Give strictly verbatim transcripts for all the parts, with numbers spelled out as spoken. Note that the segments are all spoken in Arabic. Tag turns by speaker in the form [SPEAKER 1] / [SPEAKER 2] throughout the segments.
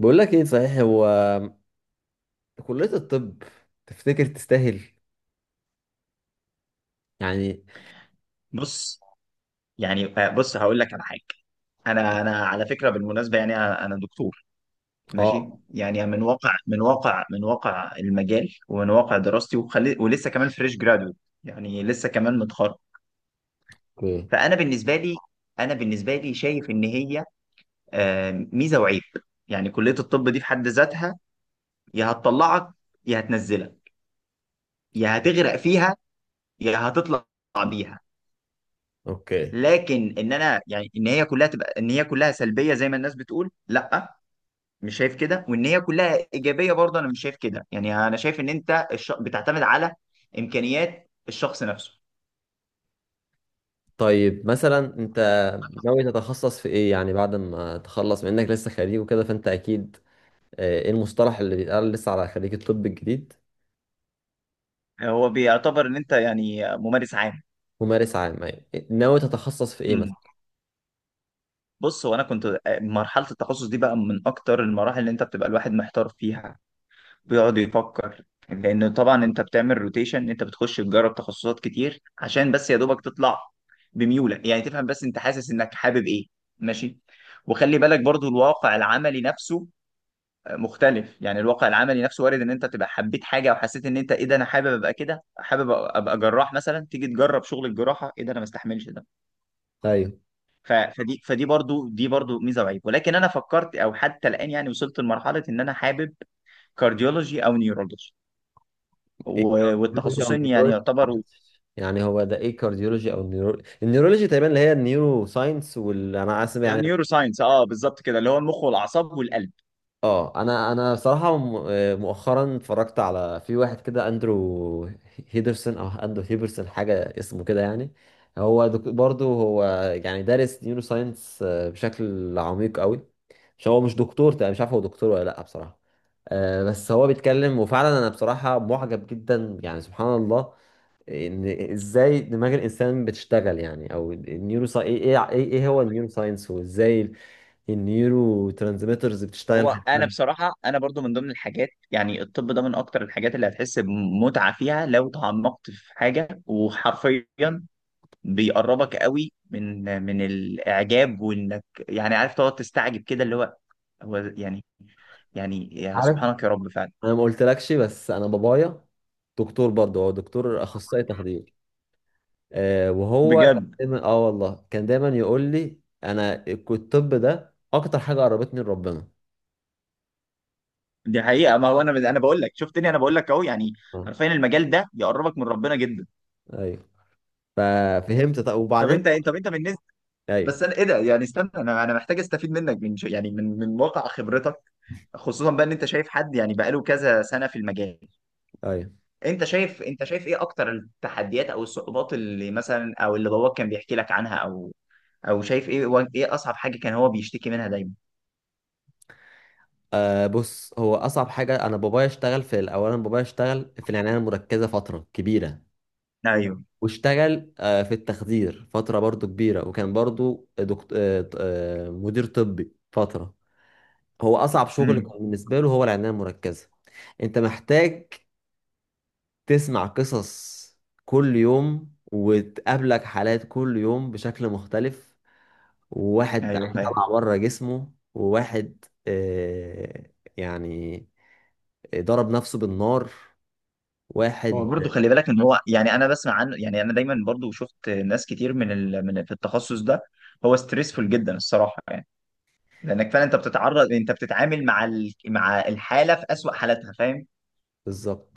[SPEAKER 1] بقول لك ايه صحيح، هو كلية الطب تفتكر تستاهل يعني؟
[SPEAKER 2] بص، يعني آه، بص هقول لك على حاجه. انا انا على فكره بالمناسبه، يعني انا أنا دكتور ماشي،
[SPEAKER 1] اه.
[SPEAKER 2] يعني من واقع من واقع من واقع المجال ومن واقع دراستي وخلي، ولسه كمان فريش جرادويت. يعني لسه كمان متخرج.
[SPEAKER 1] اوكي،
[SPEAKER 2] فانا بالنسبه لي، انا بالنسبه لي شايف ان هي آه، ميزه وعيب. يعني كليه الطب دي في حد ذاتها يا هتطلعك يا هتنزلك، يا هتغرق فيها يا هتطلع بيها.
[SPEAKER 1] اوكي.
[SPEAKER 2] لكن ان انا يعني ان هي كلها تبقى، ان هي كلها سلبيه زي ما الناس بتقول، لا، مش شايف كده. وان هي كلها ايجابيه برضه، انا مش شايف كده. يعني انا شايف ان انت الش... بتعتمد على امكانيات الشخص نفسه.
[SPEAKER 1] طيب مثلا انت ناوي تتخصص في ايه يعني بعد ما تخلص منك لسه خريج وكده، فانت اكيد آه، ايه المصطلح اللي بيتقال لسه على خريج الطب الجديد؟
[SPEAKER 2] هو بيعتبر ان انت يعني ممارس عام.
[SPEAKER 1] ممارس عام، يعني ناوي تتخصص في ايه
[SPEAKER 2] امم،
[SPEAKER 1] مثلا؟
[SPEAKER 2] بص، هو انا كنت آه، مرحله التخصص دي بقى من اكتر المراحل اللي انت بتبقى الواحد محتار فيها، بيقعد يفكر. لان طبعا انت بتعمل روتيشن، انت بتخش تجرب تخصصات كتير عشان بس يا دوبك تطلع بميولك، يعني تفهم بس انت حاسس انك حابب ايه. ماشي. وخلي بالك برضو الواقع العملي نفسه مختلف. يعني الواقع العملي نفسه وارد ان انت تبقى حبيت حاجه وحسيت ان انت ايه ده، انا حابب ابقى كده، حابب ابقى جراح مثلا، تيجي تجرب شغل الجراحه، ايه ده، انا ما استحملش ده.
[SPEAKER 1] ايوه.
[SPEAKER 2] ف- فدي، فدي برضو، دي برضو ميزه وعيب. ولكن انا فكرت او حتى الان، يعني وصلت لمرحله ان انا حابب كارديولوجي او نيورولوجي.
[SPEAKER 1] ايه
[SPEAKER 2] و-
[SPEAKER 1] كارديولوجي او
[SPEAKER 2] والتخصصين يعني
[SPEAKER 1] نيورولوجي؟
[SPEAKER 2] يعتبروا
[SPEAKER 1] يعني هو ده ايه كارديولوجي او نيورولوجي؟ النيورولوجي تقريبا اللي هي النيورو ساينس، واللي انا عارف يعني.
[SPEAKER 2] نيورو ساينس، اه بالظبط كده، اللي هو المخ والاعصاب والقلب.
[SPEAKER 1] اه. انا انا صراحه م- آه، مؤخرا اتفرجت على في واحد كده، اندرو هيدرسون او اندرو هيبرسون، حاجه اسمه كده يعني. هو دك- برضو هو يعني دارس نيورو ساينس بشكل عميق قوي. مش هو مش دكتور تقريبا، مش عارف هو دكتور ولا لا بصراحه. آه، بس هو بيتكلم، وفعلا انا بصراحه معجب جدا يعني، سبحان الله ان ازاي دماغ الانسان بتشتغل يعني، او النيورو ساي... ايه ايه ايه هو النيورو ساينس، وازاي النيورو ترانسميترز بتشتغل.
[SPEAKER 2] هو انا بصراحه، انا برضو من ضمن الحاجات، يعني الطب ده من اكتر الحاجات اللي هتحس بمتعه فيها لو تعمقت في حاجه. وحرفيا بيقربك قوي من من الاعجاب، وانك يعني عارف تقعد تستعجب كده، اللي هو هو يعني يعني يا
[SPEAKER 1] عارف؟
[SPEAKER 2] سبحانك يا رب فعلا.
[SPEAKER 1] انا ما قلتلكش، بس انا بابايا دكتور برضه، هو دكتور اخصائي تخدير. آه وهو كان
[SPEAKER 2] بجد،
[SPEAKER 1] دايما، اه والله كان دايما يقول لي انا: الك- الطب ده اكتر حاجه قربتني لربنا.
[SPEAKER 2] دي حقيقة. ما هو انا انا بقول لك، شفتني، انا بقول لك اهو. يعني
[SPEAKER 1] اه.
[SPEAKER 2] حرفيا المجال ده بيقربك من ربنا جدا.
[SPEAKER 1] ايوه. ففهمت طب،
[SPEAKER 2] طب
[SPEAKER 1] وبعدين؟
[SPEAKER 2] انت طب انت بالنسبة،
[SPEAKER 1] ايوه،
[SPEAKER 2] بس انا ايه ده، يعني استنى، انا انا محتاج استفيد منك من ش- يعني من من واقع خبرتك، خصوصا بقى ان انت شايف حد، يعني بقاله كذا سنة في المجال.
[SPEAKER 1] ايوه.
[SPEAKER 2] انت شايف انت شايف ايه اكتر التحديات او الصعوبات اللي مثلا، او اللي باباك كان بيحكي لك عنها، او او شايف ايه و- ايه اصعب حاجه كان هو بيشتكي منها دايما.
[SPEAKER 1] آه بص، هو اصعب حاجه، انا بابايا اشتغل في... اولا بابايا اشتغل في العنايه المركزه فتره كبيره.
[SPEAKER 2] ايوه.
[SPEAKER 1] واشتغل آه في التخدير فتره برضه كبيره، وكان برضه دكتور آه ط- آه، مدير طبي فتره. هو اصعب شغل
[SPEAKER 2] امم.
[SPEAKER 1] كان بالنسبه له هو العنايه المركزه. انت محتاج تسمع قصص كل يوم، وتقابلك حالات كل يوم بشكل مختلف. وواحد
[SPEAKER 2] ايوه
[SPEAKER 1] عين
[SPEAKER 2] فاهم.
[SPEAKER 1] طلع بره جسمه، وواحد آه يعني ضرب نفسه بالنار،
[SPEAKER 2] هو
[SPEAKER 1] واحد...
[SPEAKER 2] برضه خلي بالك ان هو يعني، انا بسمع عنه، يعني انا دايما برضه شفت ناس كتير من ال... من في التخصص ده، هو ستريسفول جدا الصراحه يعني. لانك فعلا انت بتتعرض، انت بتتعامل مع ال... مع الحاله في اسوأ حالاتها. فاهم.
[SPEAKER 1] بالظبط.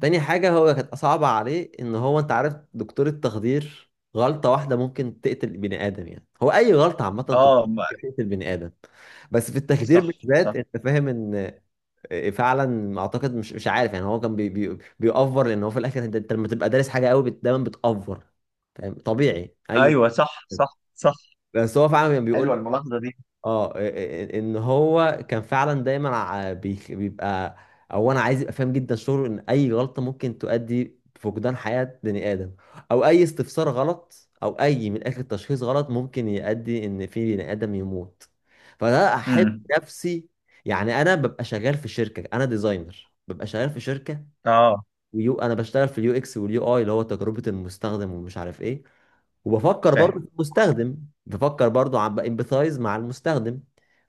[SPEAKER 1] تاني حاجة هو كانت صعبة عليه، ان هو انت عارف دكتور التخدير، غلطة واحدة ممكن تقتل بني ادم. يعني هو اي غلطة عامة طب-
[SPEAKER 2] اه، ما-
[SPEAKER 1] تقتل بني ادم. بس في التخدير
[SPEAKER 2] صح
[SPEAKER 1] بالذات،
[SPEAKER 2] صح.
[SPEAKER 1] انت فاهم ان... آه، فعلا اعتقد، مش مش عارف يعني، هو كان بي بي بيأفور، لان هو في الاخر، انت أنت لما تبقى دارس حاجة قوي بت- دايما بتأفور، فاهم؟ طبيعي اي.
[SPEAKER 2] ايوه صح صح صح.
[SPEAKER 1] بس هو فعلا كان
[SPEAKER 2] حلوه
[SPEAKER 1] بيقول،
[SPEAKER 2] الملاحظه دي.
[SPEAKER 1] اه إيه- ان هو كان فعلا دايما ع- بيخ- بيبقى، او انا عايز يبقى فاهم جدا شعور ان اي غلطه ممكن تؤدي بفقدان حياه بني ادم، او اي استفسار غلط، او اي من اخر تشخيص غلط ممكن يؤدي ان في بني ادم يموت. فده احب
[SPEAKER 2] امم.
[SPEAKER 1] نفسي. يعني انا ببقى شغال في شركه، انا ديزاينر، ببقى شغال في شركه.
[SPEAKER 2] اه
[SPEAKER 1] ويو انا بشتغل في اليو اكس واليو اي، اللي هو تجربه المستخدم ومش عارف ايه. وبفكر برضه
[SPEAKER 2] فاهم.
[SPEAKER 1] في المستخدم. بفكر برضه، عم بامبثايز مع المستخدم.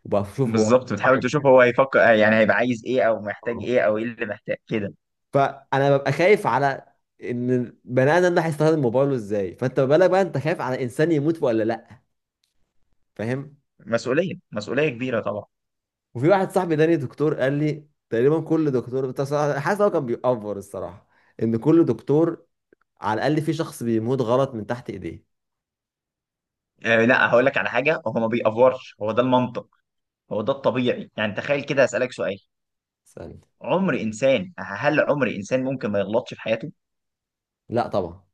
[SPEAKER 1] وبشوف هو
[SPEAKER 2] بالظبط، بتحاول
[SPEAKER 1] صاحب
[SPEAKER 2] تشوف
[SPEAKER 1] إيه.
[SPEAKER 2] هو هيفكر، يعني هيبقى عايز ايه او محتاج
[SPEAKER 1] آه.
[SPEAKER 2] ايه، او ايه اللي محتاج كده.
[SPEAKER 1] فانا ببقى خايف على ان البني ادم ده هيستخدم موبايله ازاي، فانت ما بالك بقى انت خايف على انسان يموت ولا لا؟ فاهم.
[SPEAKER 2] مسؤوليه، مسؤوليه كبيره طبعا.
[SPEAKER 1] وفي واحد صاحبي تاني دكتور قال لي تقريبا كل دكتور بتاع صراحة- حاسس، هو كان بيأفور الصراحه، ان كل دكتور على الاقل في شخص بيموت غلط من تحت ايديه.
[SPEAKER 2] آه لا، هقول لك على حاجه. هو ما بيأفورش، هو ده المنطق، هو ده الطبيعي. يعني تخيل كده، اسالك سؤال:
[SPEAKER 1] ثانية.
[SPEAKER 2] عمر انسان هل عمر انسان ممكن ما يغلطش في حياته؟
[SPEAKER 1] لا طبعا.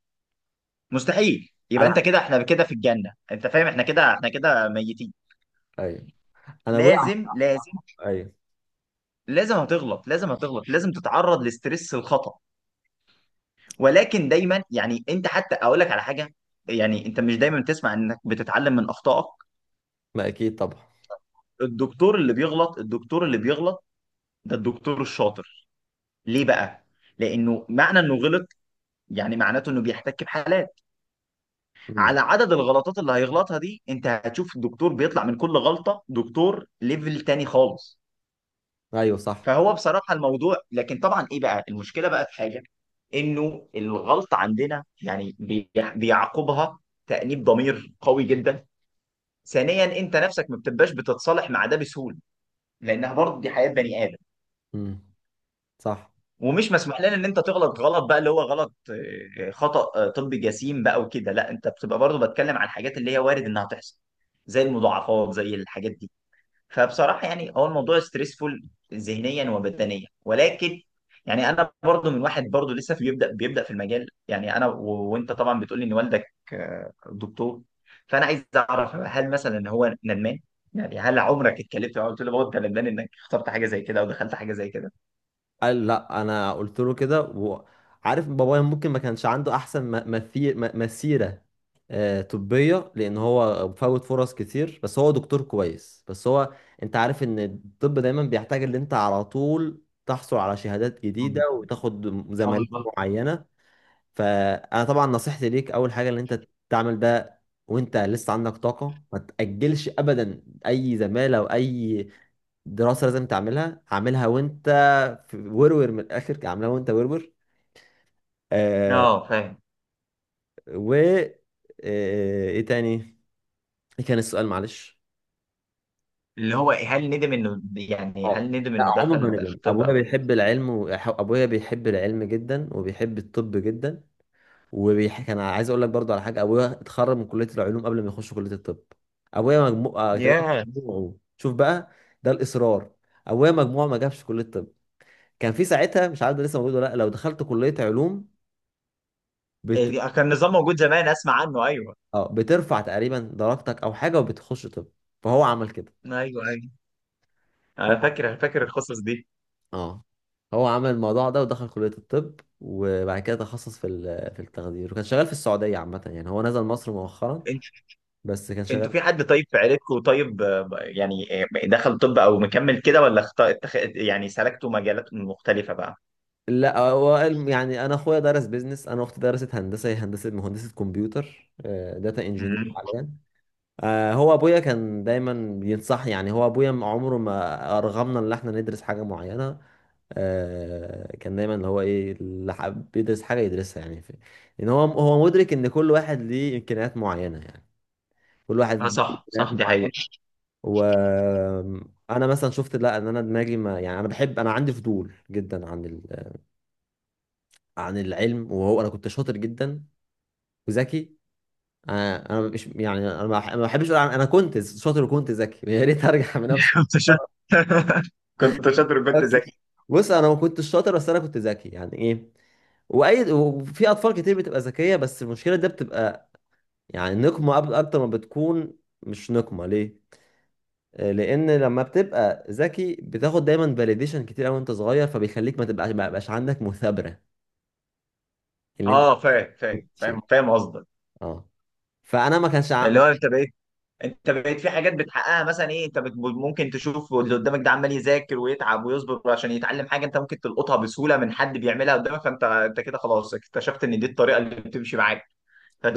[SPEAKER 2] مستحيل. يبقى
[SPEAKER 1] انا
[SPEAKER 2] انت كده احنا كده في الجنه، انت فاهم، احنا كده احنا كده ميتين.
[SPEAKER 1] ايوه. انا ابويا...
[SPEAKER 2] لازم لازم،
[SPEAKER 1] ايوه.
[SPEAKER 2] لازم هتغلط لازم هتغلط، لازم تتعرض لستريس الخطأ. ولكن دايما يعني انت، حتى اقول لك على حاجه، يعني انت مش دايما بتسمع انك بتتعلم من اخطائك؟
[SPEAKER 1] ما اكيد طبعا.
[SPEAKER 2] الدكتور اللي بيغلط، الدكتور اللي بيغلط ده الدكتور الشاطر. ليه بقى؟ لأنه معنى إنه غلط يعني معناته إنه بيحتك بحالات.
[SPEAKER 1] مم.
[SPEAKER 2] على عدد الغلطات اللي هيغلطها دي أنت هتشوف الدكتور بيطلع من كل غلطة دكتور ليفل تاني خالص.
[SPEAKER 1] ايوه، صح.
[SPEAKER 2] فهو بصراحة الموضوع، لكن طبعا إيه بقى؟ المشكلة بقى في حاجة، إنه الغلطة عندنا يعني بي- بيعقبها تأنيب ضمير قوي جدا. ثانيا، أنت نفسك ما بتبقاش بتتصالح مع ده بسهولة، لأنها برضه دي حياة بني آدم.
[SPEAKER 1] مم. صح.
[SPEAKER 2] ومش مسموح لنا ان انت تغلط، غلط بقى اللي هو غلط، آه، آه، خطأ آه، طبي جسيم بقى وكده، لا، انت بتبقى برضو بتكلم عن الحاجات اللي هي وارد انها تحصل، زي المضاعفات، زي الحاجات دي. فبصراحة يعني هو الموضوع ستريسفول ذهنيا وبدنيا. ولكن يعني انا برضو من واحد برضو لسه في، بيبدأ بيبدأ في المجال، يعني انا و- وانت طبعا بتقولي ان والدك آه، دكتور، فانا عايز اعرف هل مثلا ان هو ندمان. يعني هل عمرك اتكلمت معاه قلت له بابا انت ندمان انك اخترت حاجة زي كده او دخلت حاجة زي
[SPEAKER 1] قال لا، انا قلت له كده. وعارف بابايا ممكن ما كانش عنده احسن م- مثي- م- مسيره آه، طبيه، لان هو فوت فرص كتير، بس هو دكتور كويس. بس هو، انت عارف ان الطب دايما بيحتاج ان انت على طول تحصل على شهادات جديده
[SPEAKER 2] كده؟
[SPEAKER 1] وتاخد زمالات معينه. فانا طبعا نصيحتي ليك اول حاجه ان انت تعمل ده وانت لسه عندك طاقه. ما تاجلش ابدا اي زماله واي دراسه لازم تعملها، اعملها وانت في ورور. من الاخر، اعملها وانت ورور. آه
[SPEAKER 2] اه فاهم.
[SPEAKER 1] و آه ايه تاني؟ ايه كان السؤال معلش؟
[SPEAKER 2] اللي هو هل ندم انه يعني
[SPEAKER 1] اه.
[SPEAKER 2] هل ندم
[SPEAKER 1] لا،
[SPEAKER 2] انه
[SPEAKER 1] عمر
[SPEAKER 2] دخل
[SPEAKER 1] ما ندم
[SPEAKER 2] طب
[SPEAKER 1] ابويا،
[SPEAKER 2] او كده.
[SPEAKER 1] بيحب العلم. وابويا بيحب العلم جدا، وبيحب الطب جدا. وبيح... كان عايز اقول لك برضو على حاجه، ابويا اتخرج من كليه العلوم قبل ما يخش كليه الطب. ابويا مجموع آه تمام،
[SPEAKER 2] ياه.
[SPEAKER 1] مجموعه، شوف بقى. ده الاصرار. ابويا مجموعه ما جابش كليه الطب. كان في ساعتها، مش عارف ده لسه موجود ولا لا، لو دخلت كليه علوم بت...
[SPEAKER 2] إيه، كان نظام موجود زمان، اسمع عنه. ايوه.
[SPEAKER 1] اه بترفع تقريبا درجتك او حاجه، وبتخش طب. فهو عمل كده.
[SPEAKER 2] ايوه ايوه،
[SPEAKER 1] هو
[SPEAKER 2] انا فاكر فاكر القصص دي.
[SPEAKER 1] اه هو عمل الموضوع ده، ودخل كليه الطب، وبعد كده تخصص في ال- في التخدير، وكان شغال في السعوديه عامه. يعني هو نزل مصر مؤخرا،
[SPEAKER 2] انت
[SPEAKER 1] بس كان
[SPEAKER 2] انتوا
[SPEAKER 1] شغال.
[SPEAKER 2] في حد طيب في عيلتكم طيب آه، يعني آه، دخل طب او مكمل كده، ولا اخت...، اتخ...، يعني سلكتوا مجالات مختلفة بقى؟
[SPEAKER 1] لا هو الم- يعني انا اخويا درس بيزنس، انا اختي درست هندسه، هي هندسه مهندسه كمبيوتر، داتا انجينير
[SPEAKER 2] امم.
[SPEAKER 1] حاليا. آه، هو ابويا كان دايما بينصح. يعني هو ابويا م- عمره ما ارغمنا ان احنا ندرس حاجه معينه. آه، كان دايما اللي هو ايه، اللي حابب يدرس حاجه يدرسها يعني، في ان هو هو مدرك ان كل واحد ليه امكانيات معينه يعني. كل
[SPEAKER 2] اه
[SPEAKER 1] واحد ليه
[SPEAKER 2] صح صح،
[SPEAKER 1] امكانيات
[SPEAKER 2] دي حقيقة.
[SPEAKER 1] معينه. وانا مثلا شفت، لا ان انا دماغي ما... يعني انا بحب، انا عندي فضول جدا عن عن العلم. وهو انا كنت شاطر جدا وذكي. انا انا مش، يعني انا ما بح- ما بحبش اقول عن- انا كنت شاطر وكنت ذكي يا ريت ارجع بنفس
[SPEAKER 2] كنت شاطر. كنت شاطر وكنت
[SPEAKER 1] نفس-
[SPEAKER 2] ذكي.
[SPEAKER 1] بص انا ما كنتش شاطر، بس انا كنت ذكي، يعني ايه؟ واي وفي اطفال كتير بتبقى ذكيه، بس المشكله ده بتبقى يعني نقمه أب- اكتر ما بتكون. مش نقمه، ليه؟ آه، لان لما بتبقى ذكي بتاخد دايما فاليديشن كتير قوي وانت صغير، فبيخليك ما تبقاش ما يبقاش عندك مثابره اللي انت...
[SPEAKER 2] اه فاهم فاهم فاهم
[SPEAKER 1] شيء.
[SPEAKER 2] فاهم قصدك.
[SPEAKER 1] اه. فانا ما كانش
[SPEAKER 2] اللي هو انت بقيت انت بقيت في حاجات بتحققها. مثلا ايه، انت بت- ممكن تشوف اللي قدامك ده عمال يذاكر ويتعب ويصبر عشان يتعلم حاجه، انت ممكن تلقطها بسهوله من حد بيعملها قدامك، فانت انت كده خلاص اكتشفت ان دي الطريقه اللي بتمشي معاك.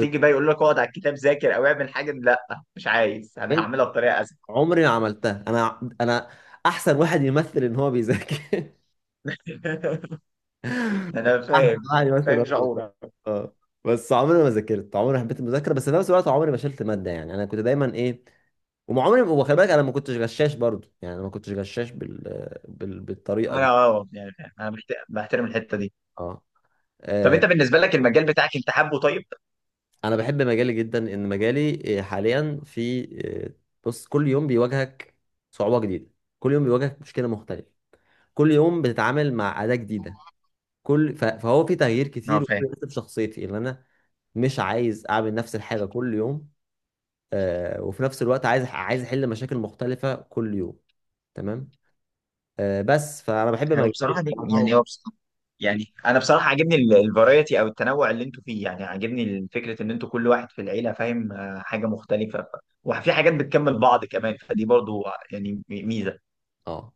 [SPEAKER 1] عم...
[SPEAKER 2] بقى يقول لك اقعد على الكتاب ذاكر او اعمل حاجه، لا، مش عايز، انا هعملها بطريقه اسهل.
[SPEAKER 1] عمري ما عملتها، انا انا احسن واحد يمثل ان هو بيذاكر
[SPEAKER 2] انا
[SPEAKER 1] احسن
[SPEAKER 2] فاهم.
[SPEAKER 1] واحد يمثل ان هو
[SPEAKER 2] فاهم
[SPEAKER 1] بيذاكر.
[SPEAKER 2] شعورك.
[SPEAKER 1] اه. بس عمري ما ذاكرت، عمري ما حبيت المذاكره، بس في نفس الوقت عمري ما شلت ماده. يعني انا كنت دايما ايه. وما عمري وخلي بالك انا ما كنتش غشاش برضو، يعني أنا ما كنتش غشاش بال... بال... بالطريقه
[SPEAKER 2] انا
[SPEAKER 1] دي.
[SPEAKER 2] اه يعني فاهم. انا بحت- بحترم الحته دي.
[SPEAKER 1] اه.
[SPEAKER 2] طب
[SPEAKER 1] آه،
[SPEAKER 2] انت بالنسبه لك المجال بتاعك انت حابه طيب؟
[SPEAKER 1] انا بحب مجالي جدا. ان مجالي آه، حاليا في آه، بص، كل يوم بيواجهك صعوبه جديده. كل يوم بيواجهك مشكله مختلفه. كل يوم بتتعامل مع اداه جديده. كل ف- فهو في تغيير
[SPEAKER 2] اه
[SPEAKER 1] كتير،
[SPEAKER 2] فاهم.
[SPEAKER 1] وكل ده في شخصيتي اللي انا مش عايز اعمل نفس الحاجه كل يوم. آه وفي نفس الوقت عايز، عايز احل مشاكل مختلفه كل يوم، تمام. آه بس فانا بحب
[SPEAKER 2] هو
[SPEAKER 1] مجالي
[SPEAKER 2] بصراحه دي
[SPEAKER 1] بصراحه
[SPEAKER 2] يعني
[SPEAKER 1] و-
[SPEAKER 2] هو، يعني انا بصراحه عاجبني الفرايتي او التنوع اللي انتوا فيه. يعني عاجبني فكره ان انتوا كل واحد في العيله فاهم آه، حاجه مختلفه، ف- وفي حاجات بتكمل بعض كمان، فدي برضو يعني ميزه.
[SPEAKER 1] اه.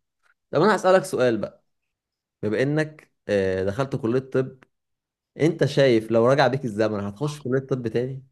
[SPEAKER 1] طب انا هسالك سؤال بقى، بما انك آه دخلت كليه طب، انت شايف لو رجع بيك الزمن هتخش كليه طب تاني؟